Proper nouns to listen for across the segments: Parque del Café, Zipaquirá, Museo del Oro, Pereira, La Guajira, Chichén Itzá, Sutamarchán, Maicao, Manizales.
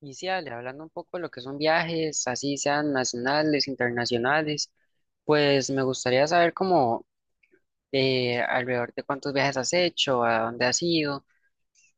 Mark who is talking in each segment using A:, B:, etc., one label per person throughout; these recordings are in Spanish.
A: Iniciales hablando un poco de lo que son viajes, así sean nacionales, internacionales, pues me gustaría saber cómo alrededor de cuántos viajes has hecho, a dónde has ido,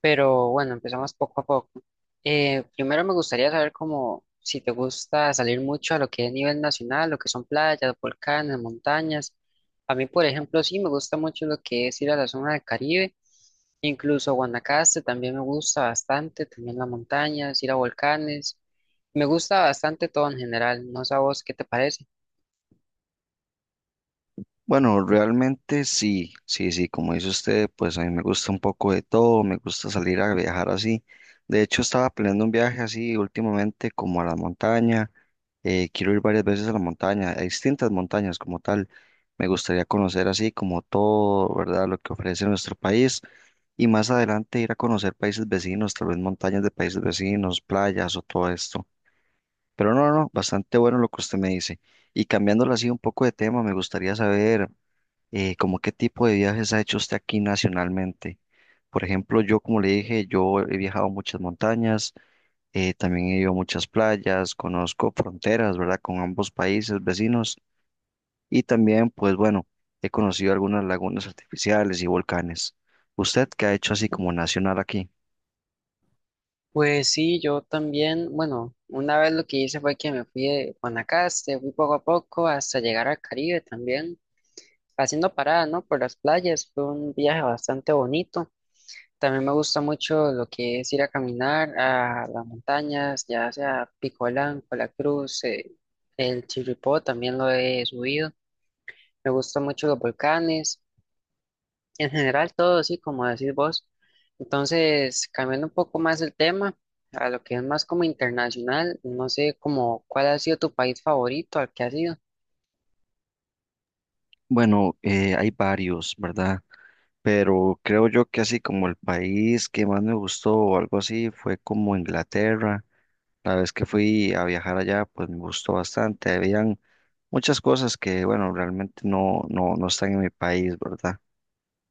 A: pero bueno, empezamos poco a poco. Primero me gustaría saber cómo, si te gusta salir mucho a lo que es nivel nacional, lo que son playas, volcanes, montañas. A mí, por ejemplo, sí me gusta mucho lo que es ir a la zona del Caribe, incluso Guanacaste también me gusta bastante, también las montañas, ir a volcanes. Me gusta bastante todo en general, no sé a vos qué te parece.
B: Bueno, realmente sí, sí, sí, como dice usted, pues a mí me gusta un poco de todo, me gusta salir a viajar así. De hecho, estaba planeando un viaje así últimamente como a la montaña. Quiero ir varias veces a la montaña, a distintas montañas como tal. Me gustaría conocer así como todo, ¿verdad? Lo que ofrece nuestro país y más adelante ir a conocer países vecinos, tal vez montañas de países vecinos, playas o todo esto. Pero no, no, bastante bueno lo que usted me dice. Y cambiándolo así un poco de tema, me gustaría saber como qué tipo de viajes ha hecho usted aquí nacionalmente. Por ejemplo, yo como le dije, yo he viajado a muchas montañas, también he ido a muchas playas, conozco fronteras, ¿verdad? Con ambos países vecinos y también, pues bueno, he conocido algunas lagunas artificiales y volcanes. ¿Usted qué ha hecho así como nacional aquí?
A: Pues sí, yo también, bueno, una vez lo que hice fue que me fui de Guanacaste, fui poco a poco hasta llegar al Caribe también, haciendo parada, ¿no? Por las playas, fue un viaje bastante bonito. También me gusta mucho lo que es ir a caminar a las montañas, ya sea Pico Blanco, La Cruz, el Chirripó, también lo he subido. Me gustan mucho los volcanes, en general todo, sí, como decís vos. Entonces, cambiando un poco más el tema, a lo que es más como internacional, no sé como cuál ha sido tu país favorito, al que has ido.
B: Bueno, hay varios, ¿verdad? Pero creo yo que así como el país que más me gustó o algo así fue como Inglaterra. La vez que fui a viajar allá, pues me gustó bastante. Habían muchas cosas que, bueno, realmente no, no, no están en mi país, ¿verdad?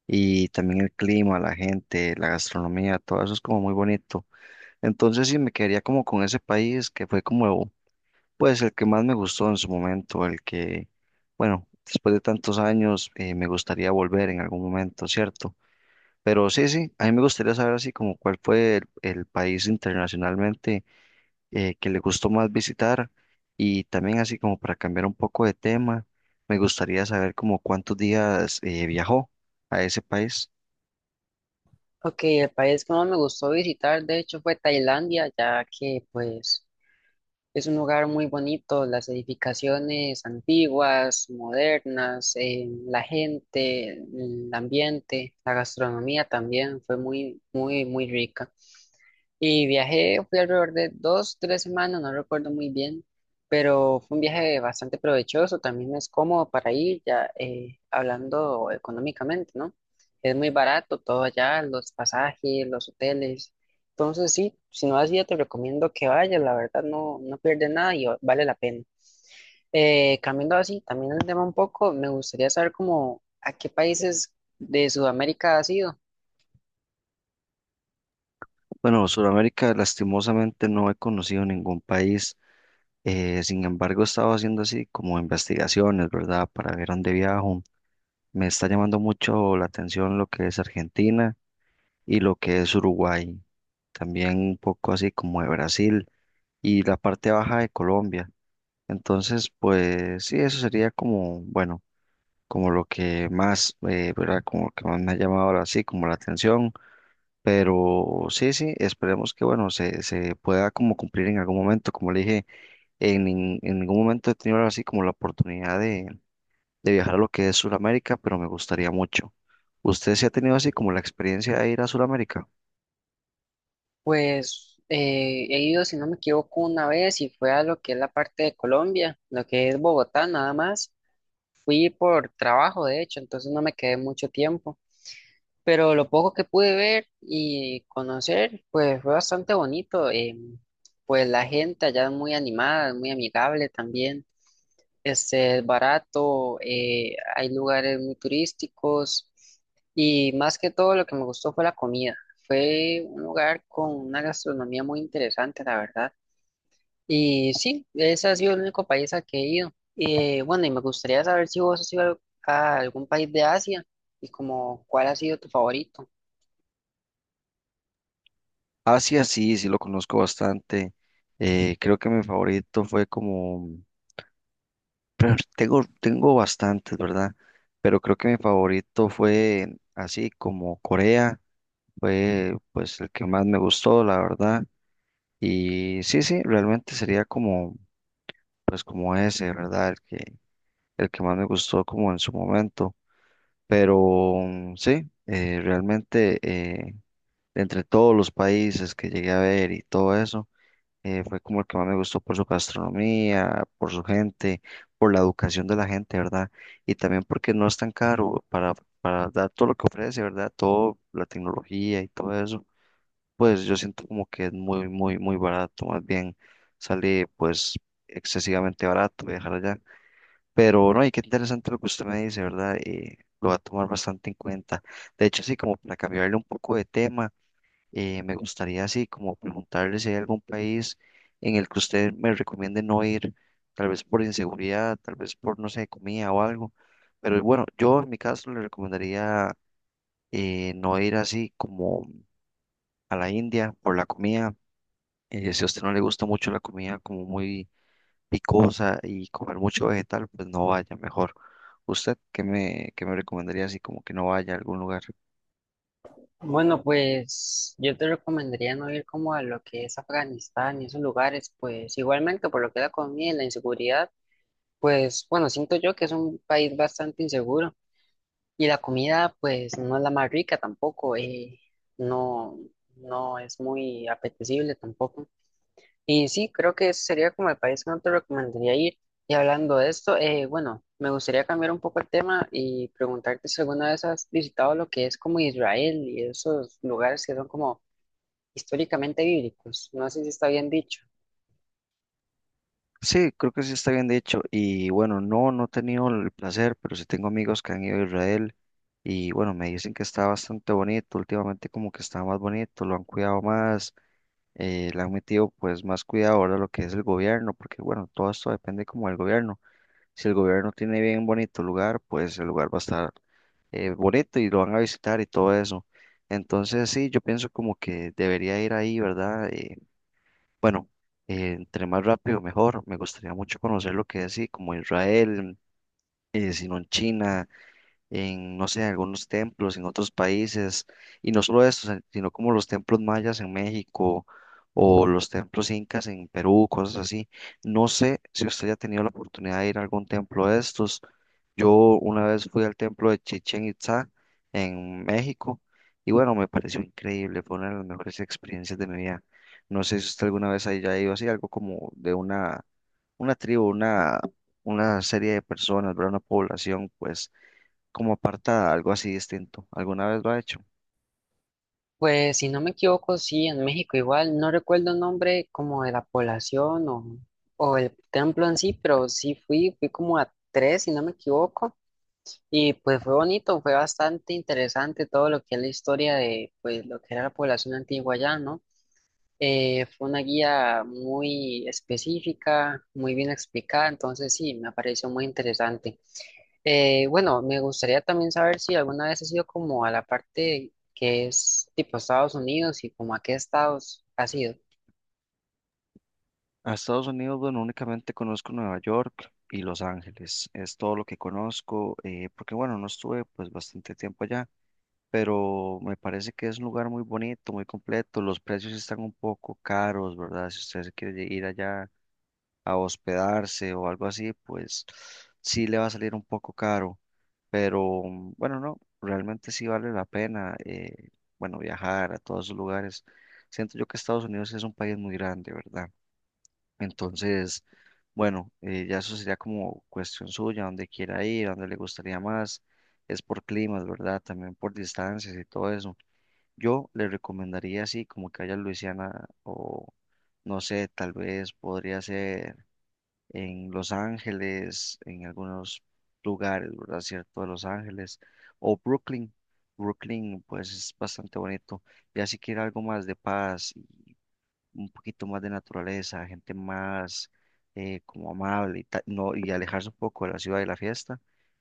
B: Y también el clima, la gente, la gastronomía, todo eso es como muy bonito. Entonces sí me quedaría como con ese país que fue como, pues el que más me gustó en su momento, el que, bueno, después de tantos años me gustaría volver en algún momento, ¿cierto? Pero sí, sí, a mí me gustaría saber así como cuál fue el país internacionalmente que le gustó más visitar y también así como para cambiar un poco de tema, me gustaría saber como cuántos días viajó a ese país.
A: Ok, el país que más me gustó visitar, de hecho, fue Tailandia, ya que pues es un lugar muy bonito, las edificaciones antiguas, modernas, la gente, el ambiente, la gastronomía también fue muy, muy, muy rica. Y viajé, fui alrededor de dos, tres semanas, no recuerdo muy bien, pero fue un viaje bastante provechoso, también es cómodo para ir, ya hablando económicamente, ¿no? Es muy barato todo allá, los pasajes, los hoteles. Entonces sí, si no has ido, te recomiendo que vayas, la verdad no, no pierdes nada y vale la pena. Cambiando así, también el tema un poco, me gustaría saber cómo, a qué países de Sudamérica has ido.
B: Bueno, Sudamérica lastimosamente no he conocido ningún país, sin embargo he estado haciendo así como investigaciones, ¿verdad? Para ver dónde viajo. Me está llamando mucho la atención lo que es Argentina y lo que es Uruguay, también un poco así como de Brasil y la parte baja de Colombia. Entonces, pues sí, eso sería como, bueno, como lo que más, ¿verdad? Como lo que más me ha llamado ahora sí, como la atención. Pero sí, sí, esperemos que, bueno, se pueda como cumplir en algún momento. Como le dije, en ningún momento he tenido ahora sí como la oportunidad de viajar a lo que es Sudamérica, pero me gustaría mucho. ¿Usted sí ha tenido así como la experiencia de ir a Sudamérica?
A: Pues he ido, si no me equivoco, una vez y fue a lo que es la parte de Colombia, lo que es Bogotá, nada más. Fui por trabajo, de hecho, entonces no me quedé mucho tiempo, pero lo poco que pude ver y conocer, pues fue bastante bonito. Pues la gente allá es muy animada, es muy amigable también. Este, es barato, hay lugares muy turísticos y más que todo lo que me gustó fue la comida. Fue un lugar con una gastronomía muy interesante, la verdad. Y sí, ese ha sido el único país al que he ido. Bueno, y me gustaría saber si vos has ido a algún país de Asia y como cuál ha sido tu favorito.
B: Asia sí, sí lo conozco bastante. Creo que mi favorito fue como. Pero tengo, tengo bastantes, ¿verdad? Pero creo que mi favorito fue así como Corea, fue pues el que más me gustó, la verdad. Y sí, sí, realmente sería como, pues como ese, ¿verdad? El que más me gustó como en su momento. Pero mm, sí, realmente entre todos los países que llegué a ver y todo eso fue como el que más me gustó por su gastronomía, por su gente, por la educación de la gente, ¿verdad? Y también porque no es tan caro para dar todo lo que ofrece, ¿verdad? Todo, la tecnología y todo eso, pues yo siento como que es muy, muy, muy barato, más bien sale pues excesivamente barato viajar allá. Pero no, y qué interesante lo que usted me dice, ¿verdad? Lo va a tomar bastante en cuenta. De hecho, sí, como para cambiarle un poco de tema. Me gustaría así como preguntarle si hay algún país en el que usted me recomiende no ir, tal vez por inseguridad, tal vez por, no sé, comida o algo. Pero bueno, yo en mi caso le recomendaría no ir así como a la India por la comida. Si a usted no le gusta mucho la comida como muy picosa y comer mucho vegetal, pues no vaya mejor. ¿Usted qué me recomendaría así como que no vaya a algún lugar?
A: Bueno, pues yo te recomendaría no ir como a lo que es Afganistán y esos lugares, pues igualmente por lo que es la comida y la inseguridad, pues bueno, siento yo que es un país bastante inseguro y la comida pues no es la más rica tampoco, no, no es muy apetecible tampoco. Y sí, creo que ese sería como el país que no te recomendaría ir. Y hablando de esto, bueno, me gustaría cambiar un poco el tema y preguntarte si alguna vez has visitado lo que es como Israel y esos lugares que son como históricamente bíblicos, no sé si está bien dicho.
B: Sí, creo que sí está bien dicho. Y bueno, no, no he tenido el placer, pero sí tengo amigos que han ido a Israel y bueno, me dicen que está bastante bonito. Últimamente como que está más bonito, lo han cuidado más, le han metido pues más cuidado ahora lo que es el gobierno, porque bueno, todo esto depende como del gobierno. Si el gobierno tiene bien bonito lugar, pues el lugar va a estar bonito y lo van a visitar y todo eso. Entonces sí, yo pienso como que debería ir ahí, ¿verdad? Bueno, entre más rápido mejor. Me gustaría mucho conocer lo que es así como Israel, si no en China, en, no sé, en algunos templos en otros países, y no solo eso, sino como los templos mayas en México o los templos incas en Perú, cosas así. No sé si usted ya ha tenido la oportunidad de ir a algún templo de estos. Yo una vez fui al templo de Chichén Itzá en México y bueno, me pareció increíble, fue una de las mejores experiencias de mi vida. No sé si usted alguna vez haya ido así, algo como de una tribu, una serie de personas, ¿verdad? Una población, pues como apartada, algo así distinto. ¿Alguna vez lo ha hecho?
A: Pues si no me equivoco, sí, en México igual, no recuerdo el nombre como de la población o el templo en sí, pero sí fui, como a tres, si no me equivoco, y pues fue bonito, fue bastante interesante todo lo que es la historia de pues lo que era la población antigua allá, ¿no? Fue una guía muy específica, muy bien explicada, entonces sí, me pareció muy interesante. Bueno, me gustaría también saber si alguna vez has ido como a la parte que es tipo Estados Unidos y como a qué estados has ido.
B: A Estados Unidos, bueno, únicamente conozco Nueva York y Los Ángeles. Es todo lo que conozco, porque bueno, no estuve pues bastante tiempo allá, pero me parece que es un lugar muy bonito, muy completo. Los precios sí están un poco caros, ¿verdad? Si usted se quiere ir allá a hospedarse o algo así, pues sí le va a salir un poco caro, pero mm, bueno, no, realmente sí vale la pena, bueno, viajar a todos esos lugares. Siento yo que Estados Unidos es un país muy grande, ¿verdad? Entonces, bueno, ya eso sería como cuestión suya, dónde quiera ir, dónde le gustaría más. Es por climas, ¿verdad? También por distancias y todo eso. Yo le recomendaría así, como que vaya a Luisiana o no sé, tal vez podría ser en Los Ángeles, en algunos lugares, ¿verdad? Cierto, de Los Ángeles, o Brooklyn. Brooklyn, pues es bastante bonito. Ya si quiere algo más de paz y un poquito más de naturaleza, gente más como amable no, y alejarse un poco de la ciudad y la fiesta,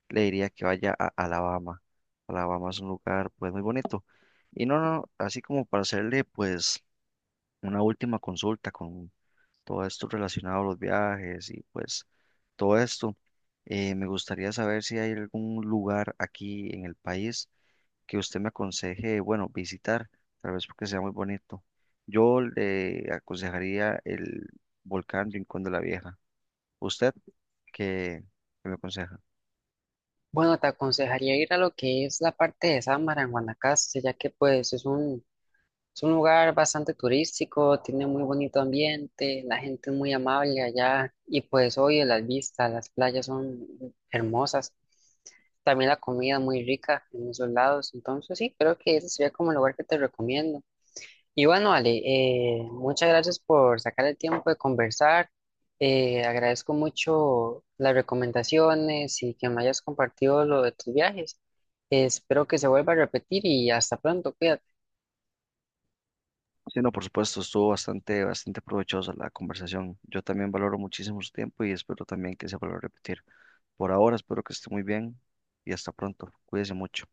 B: le diría que vaya a Alabama. Alabama es un lugar pues muy bonito. Y no, no, no, así como para hacerle pues una última consulta con todo esto relacionado a los viajes y pues todo esto. Me gustaría saber si hay algún lugar aquí en el país que usted me aconseje, bueno, visitar, tal vez porque sea muy bonito. Yo le aconsejaría el volcán Rincón de la Vieja. ¿Usted qué, qué me aconseja?
A: Bueno, te aconsejaría ir a lo que es la parte de Samara en Guanacaste, ya que pues es un lugar bastante turístico, tiene muy bonito ambiente, la gente es muy amable allá y pues oye las vistas, las playas son hermosas, también la comida es muy rica en esos lados, entonces sí, creo que ese sería como el lugar que te recomiendo. Y bueno, Ale, muchas gracias por sacar el tiempo de conversar. Agradezco mucho las recomendaciones y que me hayas compartido lo de tus viajes. Espero que se vuelva a repetir y hasta pronto, cuídate.
B: Sí, no, por supuesto, estuvo bastante, bastante provechosa la conversación. Yo también valoro muchísimo su tiempo y espero también que se vuelva a repetir. Por ahora, espero que esté muy bien y hasta pronto. Cuídese mucho.